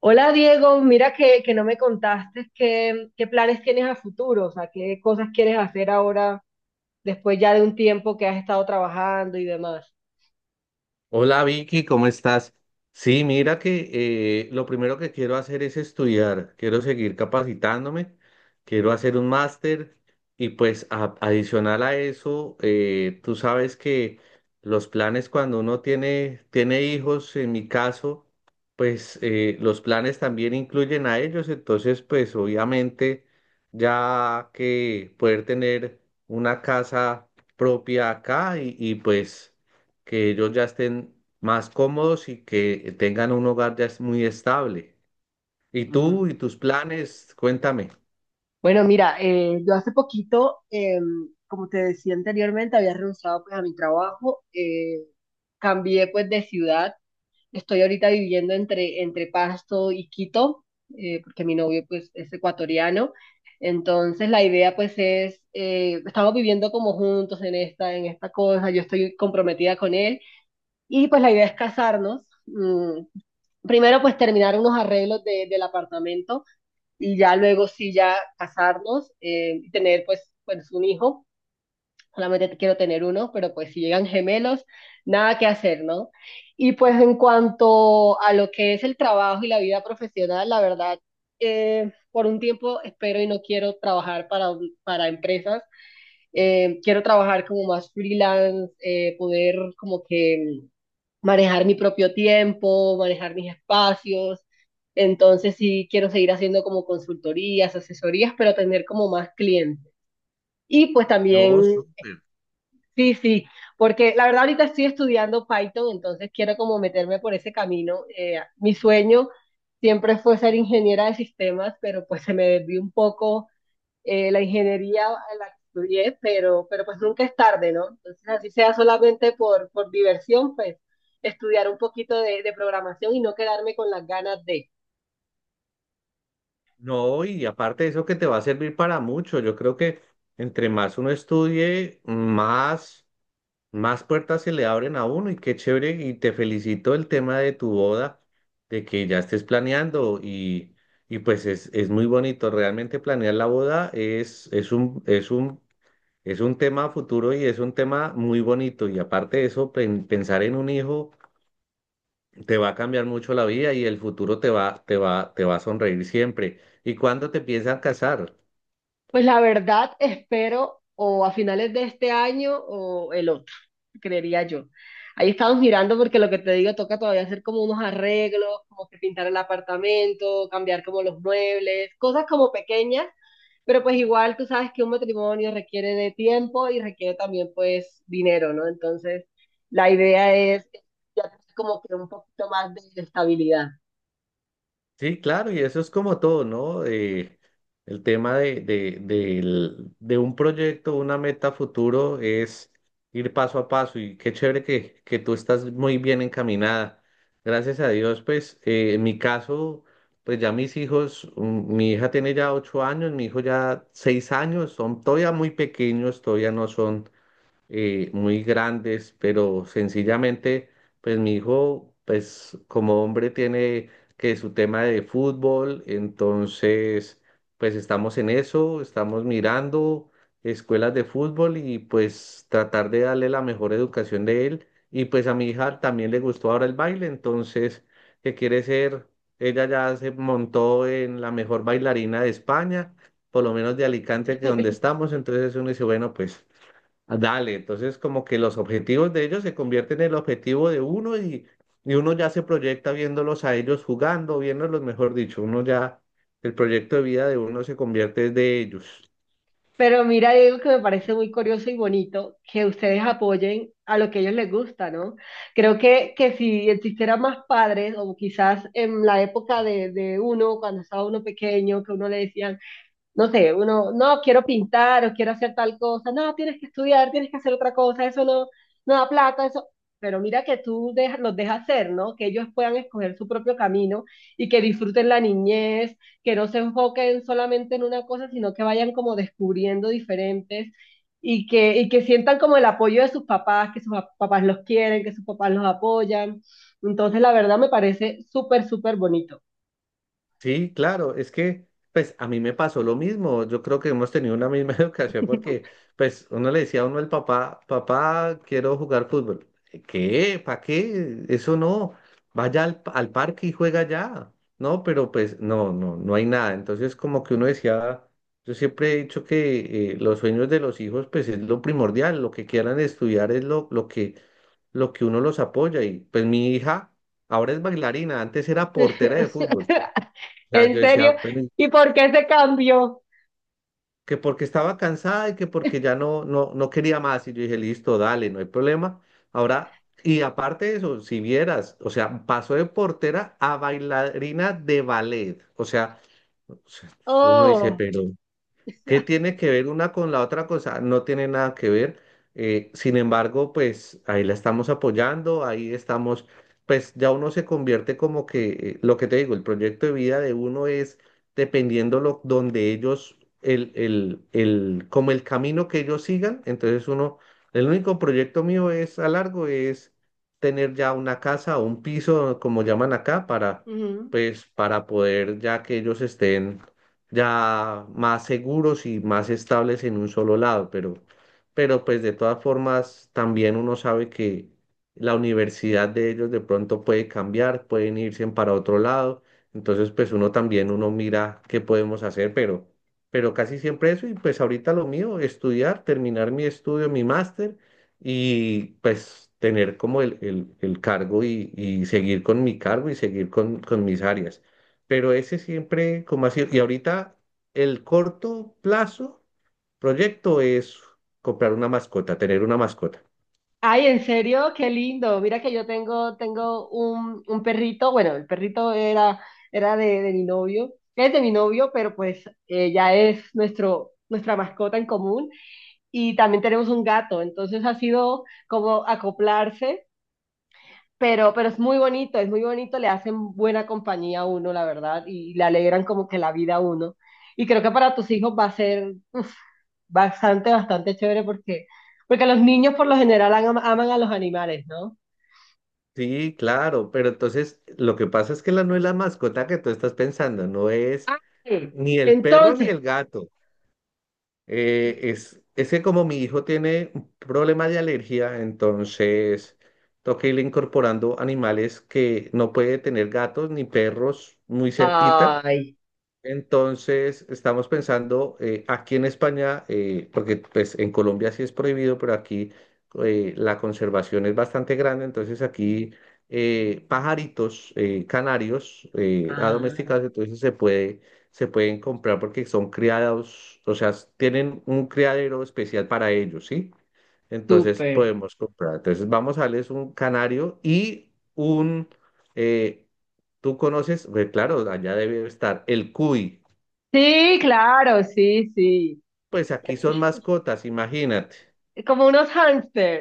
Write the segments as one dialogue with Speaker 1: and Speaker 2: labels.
Speaker 1: Hola Diego, mira que no me contaste qué planes tienes a futuro, o sea, qué cosas quieres hacer ahora después ya de un tiempo que has estado trabajando y demás.
Speaker 2: Hola Vicky, ¿cómo estás? Sí, mira que lo primero que quiero hacer es estudiar, quiero seguir capacitándome, quiero hacer un máster y pues adicional a eso, tú sabes que los planes cuando uno tiene hijos, en mi caso, pues los planes también incluyen a ellos, entonces pues obviamente ya que poder tener una casa propia acá y, pues que ellos ya estén más cómodos y que tengan un hogar ya es muy estable. ¿Y tú
Speaker 1: Mm,
Speaker 2: y tus planes? Cuéntame.
Speaker 1: Bueno, mira, yo hace poquito, como te decía anteriormente, había renunciado pues a mi trabajo, cambié pues de ciudad. Estoy ahorita viviendo entre Pasto y Quito, porque mi novio pues es ecuatoriano. Entonces la idea pues es, estamos viviendo como juntos en esta cosa, yo estoy comprometida con él y pues la idea es casarnos. Primero pues terminar unos arreglos del apartamento y ya luego sí ya casarnos y tener pues, pues un hijo. Solamente quiero tener uno, pero pues si llegan gemelos, nada que hacer, ¿no? Y pues en cuanto a lo que es el trabajo y la vida profesional, la verdad, por un tiempo espero y no quiero trabajar para empresas. Quiero trabajar como más freelance, poder como que manejar mi propio tiempo, manejar mis espacios. Entonces sí quiero seguir haciendo como consultorías, asesorías, pero tener como más clientes. Y pues
Speaker 2: No,
Speaker 1: también
Speaker 2: súper.
Speaker 1: sí, sí, porque la verdad ahorita estoy estudiando Python, entonces quiero como meterme por ese camino. Mi sueño siempre fue ser ingeniera de sistemas, pero pues se me desvió un poco la ingeniería en la que estudié, pero pues nunca es tarde, ¿no? Entonces así sea solamente por diversión, pues estudiar un poquito de programación y no quedarme con las ganas de...
Speaker 2: No, y aparte de eso que te va a servir para mucho. Yo creo que entre más uno estudie, más puertas se le abren a uno y qué chévere. Y te felicito el tema de tu boda, de que ya estés planeando y pues es muy bonito. Realmente planear la boda es un es un tema a futuro y es un tema muy bonito. Y aparte de eso, pensar en un hijo te va a cambiar mucho la vida y el futuro te va a sonreír siempre. ¿Y cuándo te piensan casar?
Speaker 1: Pues la verdad, espero o a finales de este año o el otro, creería yo. Ahí estamos mirando porque lo que te digo, toca todavía hacer como unos arreglos, como que pintar el apartamento, cambiar como los muebles, cosas como pequeñas, pero pues igual tú sabes que un matrimonio requiere de tiempo y requiere también pues dinero, ¿no? Entonces, la idea es ya tener como que un poquito más de estabilidad.
Speaker 2: Sí, claro, y eso es como todo, ¿no? El tema de un proyecto, una meta futuro es ir paso a paso y qué chévere que tú estás muy bien encaminada. Gracias a Dios, pues en mi caso, pues ya mis hijos, mi hija tiene ya 8 años, mi hijo ya 6 años, son todavía muy pequeños, todavía no son muy grandes, pero sencillamente, pues mi hijo, pues como hombre tiene que su tema de fútbol, entonces, pues estamos en eso, estamos mirando escuelas de fútbol y pues tratar de darle la mejor educación de él. Y pues a mi hija también le gustó ahora el baile, entonces, que quiere ser, ella ya se montó en la mejor bailarina de España, por lo menos de Alicante, que donde estamos, entonces uno dice, bueno, pues... Dale, entonces como que los objetivos de ellos se convierten en el objetivo de uno y uno ya se proyecta viéndolos a ellos jugando, viéndolos, mejor dicho, uno ya, el proyecto de vida de uno se convierte de ellos.
Speaker 1: Pero mira, Diego, que me parece muy curioso y bonito que ustedes apoyen a lo que a ellos les gusta, ¿no? Creo que si existieran más padres, o quizás en la época de uno, cuando estaba uno pequeño, que uno le decían, no sé, uno, no, quiero pintar o quiero hacer tal cosa, no, tienes que estudiar, tienes que hacer otra cosa, eso no, no da plata, eso. Pero mira que tú los dejas hacer, ¿no? Que ellos puedan escoger su propio camino y que disfruten la niñez, que no se enfoquen solamente en una cosa, sino que vayan como descubriendo diferentes y que sientan como el apoyo de sus papás, que sus papás los quieren, que sus papás los apoyan. Entonces, la verdad me parece súper, súper bonito.
Speaker 2: Sí, claro, es que pues a mí me pasó lo mismo, yo creo que hemos tenido una misma educación porque pues uno le decía a uno el papá, papá, quiero jugar fútbol. ¿Qué? ¿Para qué? Eso no, vaya al parque y juega ya, ¿no? Pero pues no hay nada. Entonces como que uno decía, yo siempre he dicho que los sueños de los hijos pues es lo primordial, lo que quieran estudiar es lo que uno los apoya y pues mi hija ahora es bailarina, antes era portera de fútbol sea, yo
Speaker 1: ¿En serio?
Speaker 2: decía, "Pero, ¿y
Speaker 1: ¿Y por qué se cambió?
Speaker 2: que porque estaba cansada y que porque ya no quería más. Y yo dije, listo, dale, no hay problema. Ahora, y aparte de eso, si vieras, o sea, pasó de portera a bailarina de ballet. O sea, uno dice,
Speaker 1: Oh.
Speaker 2: pero ¿Qué tiene que ver una con la otra cosa? No tiene nada que ver. Sin embargo, pues ahí la estamos apoyando, ahí estamos, pues ya uno se convierte como que, lo que te digo, el proyecto de vida de uno es dependiendo lo, donde ellos, como el camino que ellos sigan. Entonces uno, el único proyecto mío es a largo, es tener ya una casa o un piso, como llaman acá, para,
Speaker 1: Ujú.
Speaker 2: pues, para poder ya que ellos estén ya más seguros y más estables en un solo lado, pero pues de todas formas también uno sabe que la universidad de ellos de pronto puede cambiar, pueden irse para otro lado, entonces pues uno también uno mira qué podemos hacer, pero casi siempre eso y pues ahorita lo mío, estudiar, terminar mi estudio, mi máster y pues tener como el cargo y seguir con mi cargo y seguir con mis áreas pero ese siempre como así. Y ahorita el corto plazo proyecto es comprar una mascota, tener una mascota.
Speaker 1: Ay, ¿en serio? Qué lindo. Mira que yo tengo, tengo un perrito. Bueno, el perrito era, era de mi novio. Es de mi novio, pero pues ya es nuestro, nuestra mascota en común. Y también tenemos un gato. Entonces ha sido como acoplarse. Pero es muy bonito, le hacen buena compañía a uno, la verdad, y le alegran como que la vida a uno. Y creo que para tus hijos va a ser uf, bastante, bastante chévere porque, porque los niños por lo general aman a los animales, ¿no?
Speaker 2: Sí, claro, pero entonces lo que pasa es que la no es la mascota que tú estás pensando, no es
Speaker 1: Ay,
Speaker 2: ni el perro ni
Speaker 1: entonces,
Speaker 2: el gato. Es que como mi hijo tiene un problema de alergia, entonces toca irle incorporando animales que no puede tener gatos ni perros muy cerquita.
Speaker 1: ay,
Speaker 2: Entonces, estamos pensando aquí en España, porque pues en Colombia sí es prohibido, pero aquí la conservación es bastante grande, entonces aquí pajaritos canarios
Speaker 1: ah,
Speaker 2: adomesticados, entonces se puede, se pueden comprar porque son criados, o sea, tienen un criadero especial para ellos, ¿sí? Entonces
Speaker 1: súper.
Speaker 2: podemos comprar. Entonces vamos a darles un canario y un, eh, tú conoces, pues claro, allá debe estar el cuy.
Speaker 1: Sí, claro, sí, sí.
Speaker 2: Pues aquí son mascotas, imagínate.
Speaker 1: Como unos hámster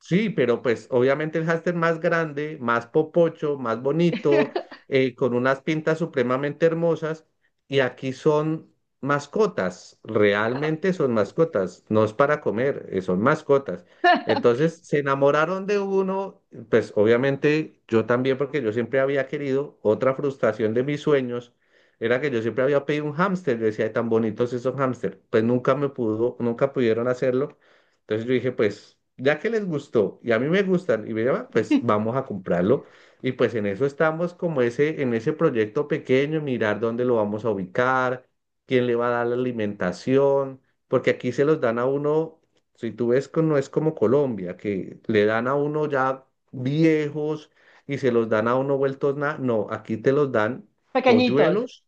Speaker 2: Sí, pero pues obviamente el hámster más grande, más popocho, más bonito, con unas pintas supremamente hermosas, y aquí son mascotas, realmente son mascotas, no es para comer, son mascotas. Entonces se enamoraron de uno, pues obviamente yo también, porque yo siempre había querido, otra frustración de mis sueños era que yo siempre había pedido un hámster, yo decía, "Ay, tan bonitos esos hámster, pues nunca me pudo, nunca pudieron hacerlo." Entonces yo dije, pues, ya que les gustó y a mí me gustan y me llaman, pues vamos a comprarlo. Y pues en eso estamos como ese, en ese proyecto pequeño, mirar dónde lo vamos a ubicar, quién le va a dar la alimentación, porque aquí se los dan a uno, si tú ves, no es como Colombia, que le dan a uno ya viejos y se los dan a uno vueltos nada. No, aquí te los dan
Speaker 1: pequeñitos.
Speaker 2: polluelos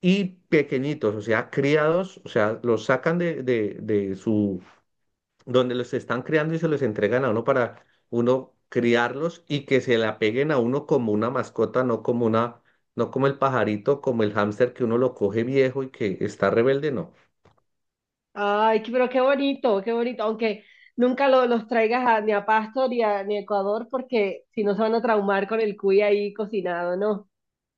Speaker 2: y pequeñitos, o sea, criados, o sea, los sacan de su donde los están creando y se los entregan a uno para uno criarlos y que se le apeguen a uno como una mascota, no como una, no como el pajarito, como el hámster que uno lo coge viejo y que está rebelde, no.
Speaker 1: Ay, pero qué bonito, qué bonito. Aunque nunca los traigas ni a Pasto ni ni a Ecuador, porque si no se van a traumar con el cuy ahí cocinado, ¿no?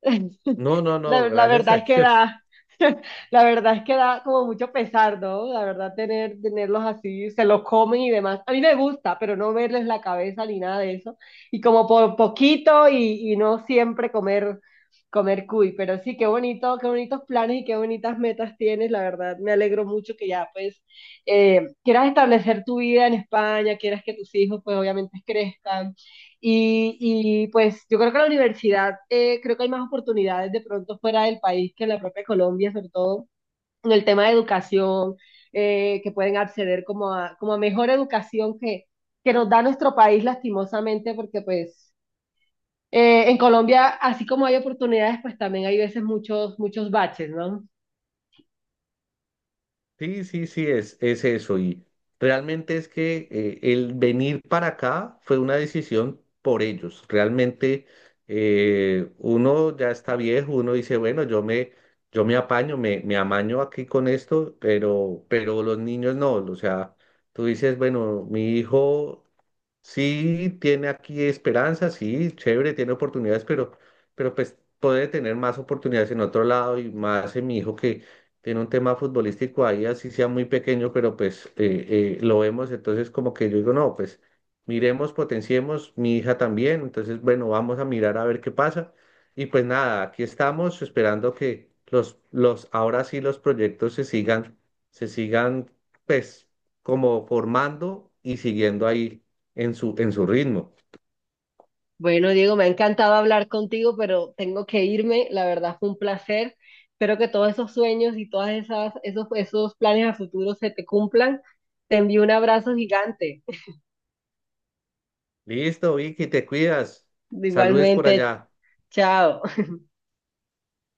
Speaker 2: No, no, no,
Speaker 1: La
Speaker 2: gracias
Speaker 1: verdad
Speaker 2: a
Speaker 1: es que
Speaker 2: Dios.
Speaker 1: da, la verdad es que da como mucho pesar, ¿no? La verdad tener, tenerlos así, se los comen y demás. A mí me gusta, pero no verles la cabeza ni nada de eso. Y como por poquito y no siempre comer, comer cuy. Pero sí, qué bonito, qué bonitos planes y qué bonitas metas tienes. La verdad, me alegro mucho que ya pues quieras establecer tu vida en España, quieras que tus hijos pues obviamente crezcan y, y pues yo creo que la universidad, creo que hay más oportunidades de pronto fuera del país que en la propia Colombia, sobre todo en el tema de educación, que pueden acceder como a, como a mejor educación que nos da nuestro país lastimosamente, porque pues en Colombia, así como hay oportunidades, pues también hay veces muchos, muchos baches, ¿no?
Speaker 2: Sí, sí, sí, es eso. Y realmente es que el venir para acá fue una decisión por ellos. Realmente uno ya está viejo, uno dice, bueno, yo me apaño, me amaño aquí con esto, pero los niños no. O sea, tú dices, bueno, mi hijo sí, tiene aquí esperanza, sí, chévere, tiene oportunidades, pero pues puede tener más oportunidades en otro lado y más en mi hijo que tiene un tema futbolístico ahí, así sea muy pequeño, pero pues lo vemos, entonces como que yo digo, no, pues miremos, potenciemos, mi hija también, entonces bueno, vamos a mirar a ver qué pasa. Y pues nada, aquí estamos esperando que ahora sí los proyectos se sigan pues como formando y siguiendo ahí en su ritmo.
Speaker 1: Bueno, Diego, me ha encantado hablar contigo, pero tengo que irme. La verdad fue un placer. Espero que todos esos sueños y todas esas, esos, esos planes a futuro se te cumplan. Te envío un abrazo gigante.
Speaker 2: Listo, Vicky, te cuidas. Saludes por
Speaker 1: Igualmente,
Speaker 2: allá.
Speaker 1: chao.